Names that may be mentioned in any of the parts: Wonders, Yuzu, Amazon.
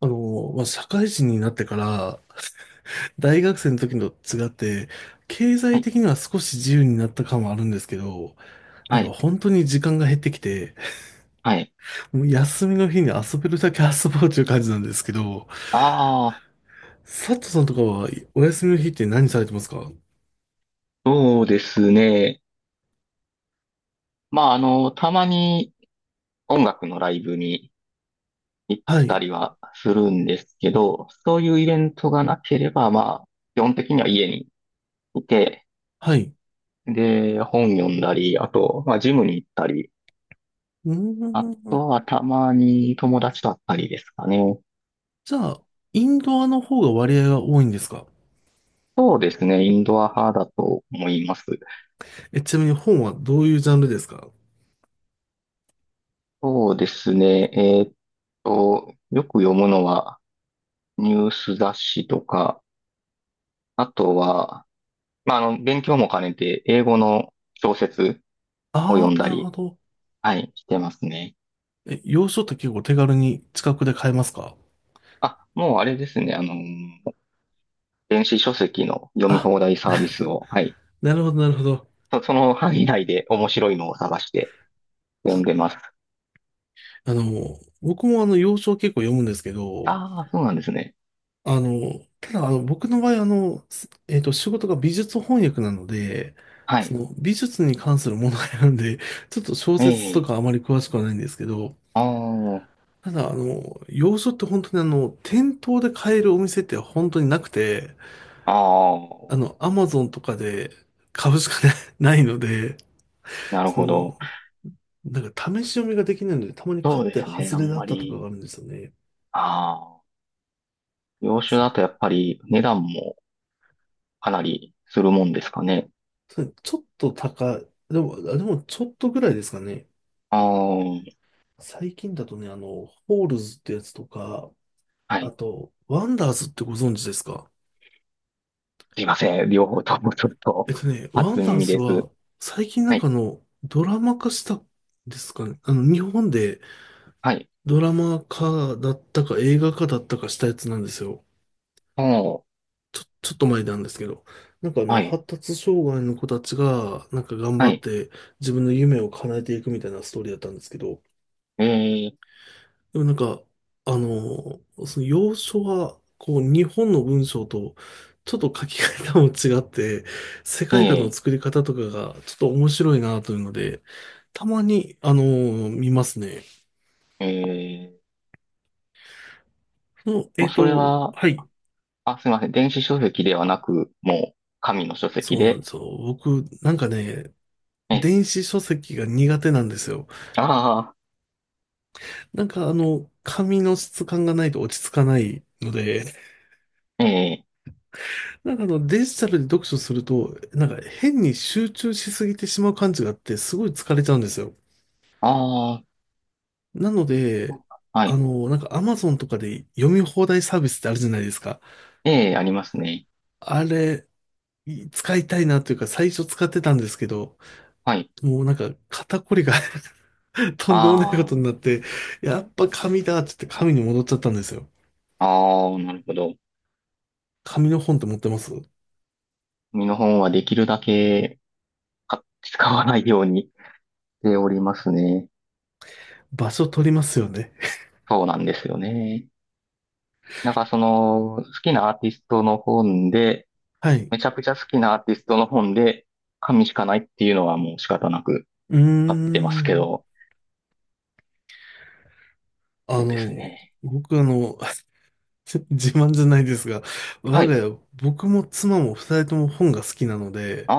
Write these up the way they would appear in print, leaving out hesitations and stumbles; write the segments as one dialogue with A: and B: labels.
A: まあ、社会人になってから、大学生の時のと違って、経
B: は
A: 済
B: い、
A: 的には少し自由になった感はあるんですけど、な
B: は
A: んか
B: い、
A: 本当に時間が減ってきて、
B: はい。
A: もう休みの日に遊べるだけ遊ぼうという感じなんですけど、
B: ああ、
A: 佐藤さんとかはお休みの日って何されてますか？
B: そうですね。まあ、たまに音楽のライブに行っ
A: は
B: た
A: い、
B: りはするんですけど、そういうイベントがなければ、まあ、基本的には家にいて、
A: はい。
B: で、本読んだり、あと、まあ、ジムに行ったり、
A: うー
B: あ
A: ん。
B: とはたまに友達と会ったりですかね。
A: じゃあ、インドアの方が割合が多いんですか？
B: そうですね。インドア派だと思います。
A: え、ちなみに本はどういうジャンルですか？
B: そうですね。よく読むのは、ニュース雑誌とか、あとは、まあ、勉強も兼ねて、英語の小説を
A: あ
B: 読
A: あ
B: ん
A: ー、
B: だ
A: なるほ
B: り、
A: ど。
B: はい、してますね。
A: え、洋書って結構手軽に近くで買えますか？
B: あ、もうあれですね、電子書籍の読み
A: あ
B: 放題サービスを、はい、
A: なるほど、なるほど。
B: その範囲内で面白いのを探して読んでます。
A: 僕も洋書を結構読むんですけど、
B: ああ、そうなんですね。
A: あの、ただ僕の場合すえっと、仕事が美術翻訳なので、
B: は
A: そ
B: い。
A: の美術に関するものがあるんで、ちょっと小
B: え
A: 説と
B: え、
A: かあまり詳しくはないんですけど、
B: あー、
A: ただ洋書って本当に店頭で買えるお店って本当になくて、
B: あー、
A: アマゾンとかで買うしかな ないので、
B: なる
A: そ
B: ほど。
A: の、なんか試し読みができないので、たまに買
B: そう
A: っ
B: で
A: て
B: すね、
A: 外
B: あ
A: れ
B: ん
A: だっ
B: ま
A: たとか
B: り、
A: があるんですよね。
B: ああ、洋酒だとやっぱり値段もかなりするもんですかね。
A: とちょっと高い。でも、あでもちょっとぐらいですかね。
B: ああ、
A: 最近だとね、ホールズってやつとか、
B: は
A: あ
B: い。
A: と、ワンダーズってご存知ですか？
B: すいません。両方ともちょっと、
A: ワ
B: 初
A: ンダー
B: 耳
A: ズ
B: です。
A: は、最近な
B: は
A: んか
B: い。
A: ドラマ化したんですかね。日本で
B: はい。
A: ドラマ化だったか映画化だったかしたやつなんですよ。
B: おー。
A: ちょっと前なんですけど。なんか
B: はい。
A: 発達障害の子たちが、なんか頑張
B: は
A: っ
B: い。
A: て自分の夢を叶えていくみたいなストーリーだったんですけど、
B: えー、
A: でもなんか、その要所は、こう、日本の文章と、ちょっと書き方も違って、世界観の
B: え
A: 作り方とかが、ちょっと面白いなというので、たまに、見ますね。
B: ー、えー、もうそれは、
A: はい、
B: あ、すいません。電子書籍ではなく、もう、紙の書籍
A: そうなんで
B: で。
A: すよ。僕、なんかね、
B: え、
A: 電子書籍が苦手なんですよ。
B: あ
A: なんか紙の質感がないと落ち着かないので、
B: あ、えー、
A: なんかデジタルで読書すると、なんか変に集中しすぎてしまう感じがあって、すごい疲れちゃうんですよ。
B: あ
A: なの
B: あ、
A: で、
B: はい。
A: なんか Amazon とかで読み放題サービスってあるじゃないですか。
B: えー、ありますね。
A: あれ、使いたいなというか最初使ってたんですけど、
B: はい。
A: もうなんか肩こりが とんでもないこと
B: あ
A: になって、やっぱ紙だって言って紙に戻っちゃったんですよ。
B: あ、ああ、なるほど。
A: 紙の本って持ってます？
B: 紙の本はできるだけ、か使わないようにしておりますね。
A: 場所取りますよね。
B: そうなんですよね。なんかその、好きなアーティストの本で、
A: はい。
B: めちゃくちゃ好きなアーティストの本で、紙しかないっていうのはもう仕方なく
A: うー
B: あってますけ
A: ん。
B: ど、
A: あ
B: そうです
A: の、
B: ね。
A: 僕自慢じゃないですが、我
B: は
A: が
B: い。
A: 家、僕も妻も二人とも本が好きなので、
B: あ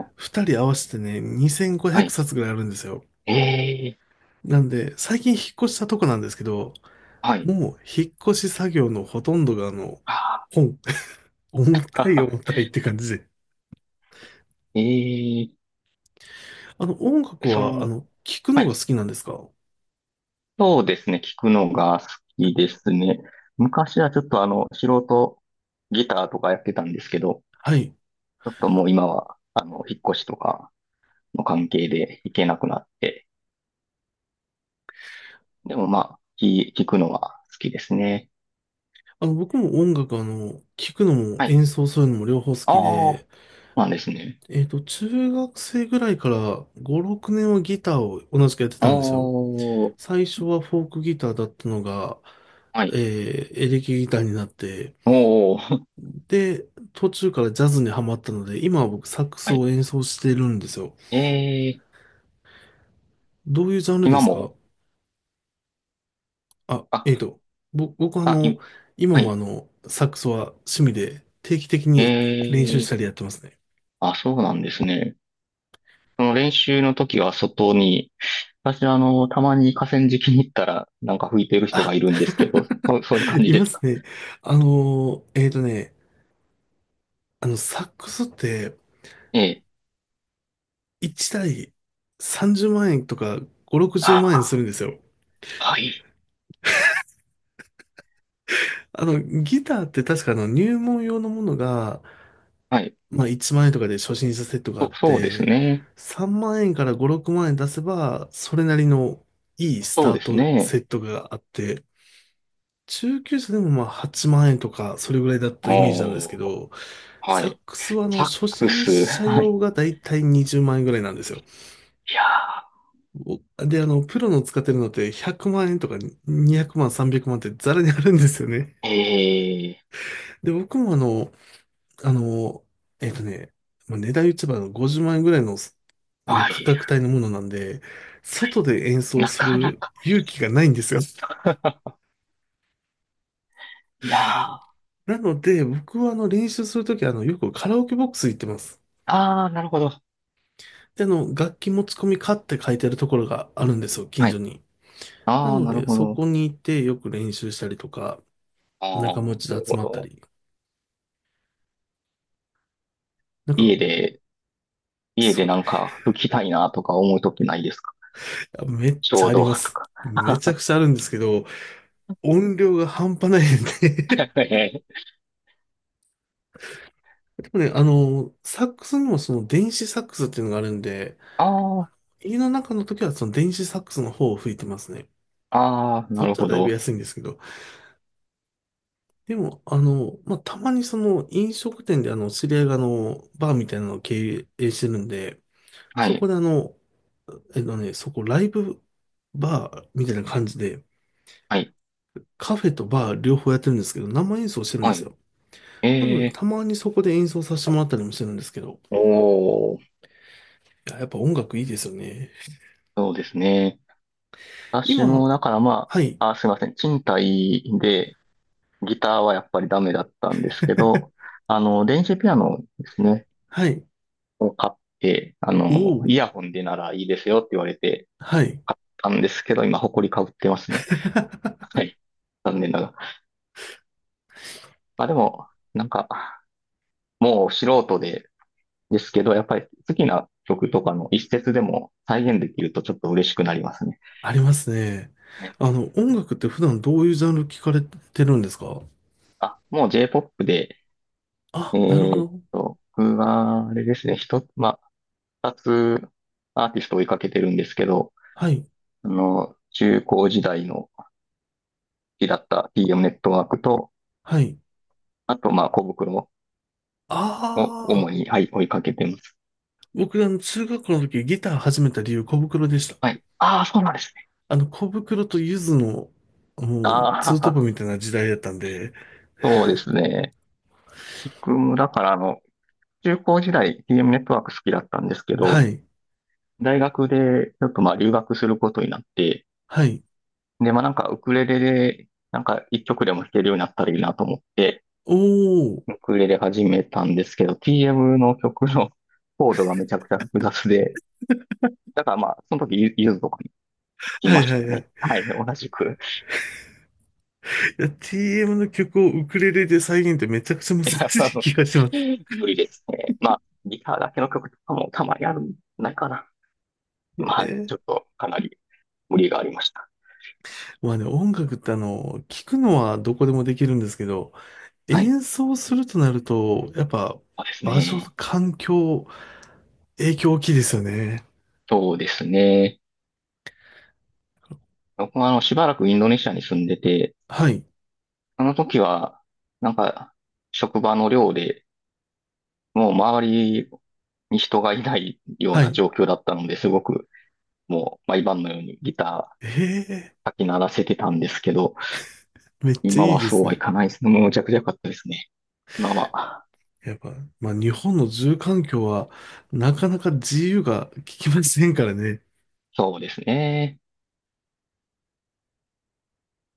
B: あ、
A: 二人合わせてね、2500
B: はい。
A: 冊ぐらいあるんですよ。
B: ええ、
A: なんで、最近引っ越したとこなんですけど、
B: はい。
A: もう引っ越し作業のほとんどが
B: あ
A: 本。重た
B: あ、
A: い重たいって感じで。
B: ええ、
A: 音楽
B: そ
A: は、
B: の、
A: 聞く
B: は
A: のが
B: い。
A: 好きなんですか？
B: そうですね。聞くのが好きですね。昔はちょっと素人ギターとかやってたんですけど、
A: はい。
B: ちょっともう今は、引っ越しとかの関係で行けなくなって、でもまあ、行くのは好きですね。
A: 僕も音楽、聞くのも
B: はい。
A: 演奏するのも両方好き
B: ああ、
A: で、
B: なんですね。
A: 中学生ぐらいから5、6年はギターを同じくやって
B: お
A: たんですよ。
B: ー、
A: 最初はフォークギターだったのが、
B: は
A: え
B: い。
A: エレキギターになって、
B: おー、
A: で、途中からジャズにハマったので、今は僕サック ス
B: はい。
A: を演奏してるんですよ。
B: えー、
A: どういうジャンルで
B: 今
A: すか？
B: も、
A: あ、
B: あ、
A: 僕は
B: あ、い、
A: 今
B: は
A: も
B: い。
A: サックスは趣味で定期的
B: え
A: に練習し
B: ー、
A: たりやってますね。
B: あ、そうなんですね。その練習の時は外に、私あの、たまに河川敷に行ったら、なんか吹いてる人
A: あ、
B: がいるんですけど、そういう感 じ
A: い
B: で
A: ま
B: す
A: す
B: か。
A: ね。あのー、えっとね、サックスって
B: ええ。
A: 1台30万円とか5、60万円す
B: あ
A: るんですよ。
B: あ、はい。
A: ギターって確か入門用のものが、
B: はい。
A: まあ1万円とかで初心者セットがあっ
B: そうです
A: て、
B: ね。
A: 3万円から5、6万円出せば、それなりのいいス
B: そう
A: ター
B: です
A: ト
B: ね。
A: セットがあって、中級者でもまあ8万円とか、それぐらいだったイメージなんですけ
B: おー、
A: ど、
B: は
A: サッ
B: い。
A: クスは
B: サッ
A: 初
B: ク
A: 心
B: ス、
A: 者
B: はい。
A: 用がだいたい20万円ぐらいなんですよ。
B: いや
A: おで、プロの使ってるのって100万円とか200万、300万ってザラにあるんですよね。
B: ー、ええ、
A: で、僕もあの、えっとね、まあ、値段言っちゃえば50万円ぐらいの、
B: は
A: 価
B: い。
A: 格帯のものなんで、外で演奏
B: な
A: す
B: かな
A: る
B: か。
A: 勇気がないんですよ。
B: いやー、
A: なので、僕は練習するときはよくカラオケボックス行ってます。
B: あー、なるほど。
A: で、楽器持ち込みかって書いてあるところがあるんですよ、近
B: は
A: 所
B: い。
A: に。な
B: あー、
A: の
B: なる
A: で、
B: ほ
A: そ
B: ど。
A: こに行ってよく練習したりとか、
B: あ
A: 仲間
B: ー、
A: 内
B: なる
A: で集
B: ほ
A: まった
B: ど。
A: り、なんか、
B: 家で、家で
A: そう、
B: なんか吹きたいなとか思うときないですか。
A: あめっ
B: ち
A: ちゃ
B: ょう
A: あり
B: ど
A: ま
B: と
A: す。
B: か。
A: めちゃくちゃあるんですけど、音量が半端ないんで、
B: えー、
A: でもね、サックスにもその電子サックスっていうのがあるんで、
B: あー、
A: 家の中の時はその電子サックスの方を吹いてますね。
B: あー、な
A: そっ
B: る
A: ちは
B: ほ
A: だいぶ
B: ど。
A: 安いんですけど。でも、まあ、たまにその飲食店で知り合いがバーみたいなのを経営してるんで、
B: は
A: そこ
B: い。
A: でそこライブバーみたいな感じで、
B: はい。
A: カフェとバー両方やってるんですけど、生演奏してるんで
B: は
A: す
B: い。
A: よ。なので、
B: え
A: たまにそこで演奏させてもらったりもしてるんですけど、
B: ー、おー、
A: いや、やっぱ音楽いいですよね。
B: そうですね。私
A: 今、
B: も、だからま
A: はい。
B: あ、あー、すいません。賃貸で、ギターはやっぱりダメだったんですけど、電子ピアノですね。
A: はい。
B: で、あ
A: お
B: の、
A: お、
B: イヤホンでならいいですよって言われて
A: はい。
B: 買ったんですけど、今、埃かぶってますね。はい。残念ながら。まあでも、なんか、もう素人で、ですけど、やっぱり好きな曲とかの一節でも再現できるとちょっと嬉しくなりますね。
A: ありますね。
B: ね、
A: 音楽って普段どういうジャンル聞かれてるんですか？
B: あ、もう J-POP で、
A: あ、なるほど。
B: 僕は、あれですね、一つ、まあ、二つアーティストを追いかけてるんですけど、
A: はい、
B: 中高時代の好きだった TM ネットワークと、
A: はい。
B: あと、まあ、小袋を
A: あ
B: 主
A: あ、
B: に、はい、追いかけてます。
A: 僕、中学校の時ギター始めた理由、小袋でした。
B: はい。ああ、そうなんですね。
A: 小袋とゆずの、もう、ツ
B: あ
A: ートップ
B: あ、
A: みたいな時代だったんで、
B: そうですね。僕も、だから、中高時代 TM ネットワーク好きだったんですけど、
A: はい、
B: 大学で、ちょっとまあ、留学することになって、
A: はい。
B: で、まあ、なんか、ウクレレで、なんか、一曲でも弾けるようになったらいいなと思って、
A: おお、
B: ウクレレ始めたんですけど、TM の曲のコードがめちゃくちゃ複雑で、だからまあ、その時、ゆずとかい
A: は
B: ま
A: い、は
B: し
A: い、
B: た
A: は
B: ね。
A: い。
B: はい、同じく。
A: いや、TM の曲をウクレレで再現ってめちゃくちゃ難
B: いや、
A: し い気がします。
B: 無理ですね。まあ、ギターだけの曲とかもたまにあるんじゃないかな。はい、
A: え
B: ちょっとかなり無理がありました。
A: まあね、音楽って聞くのはどこでもできるんですけど、
B: はい、
A: 演奏するとなると、やっぱ
B: そうです
A: 場所、
B: ね。
A: 環境、影響大きいですよね。
B: そうですね。僕はあの、しばらくインドネシアに住んでて、
A: はい、
B: その時は、なんか、職場の寮で、もう周りに人がいないよう
A: は
B: な
A: い。
B: 状況だったので、すごく、もう毎晩のようにギタ
A: ええ、
B: ーかき鳴らせてたんですけど、
A: めっちゃ
B: 今
A: いい
B: は
A: で
B: そう
A: す
B: はい
A: ね。
B: かないですね。もうむちゃくちゃ良かったですね。まあまあ、
A: やっぱ、まあ日本の住環境はなかなか自由が利きませんからね。
B: そうですね。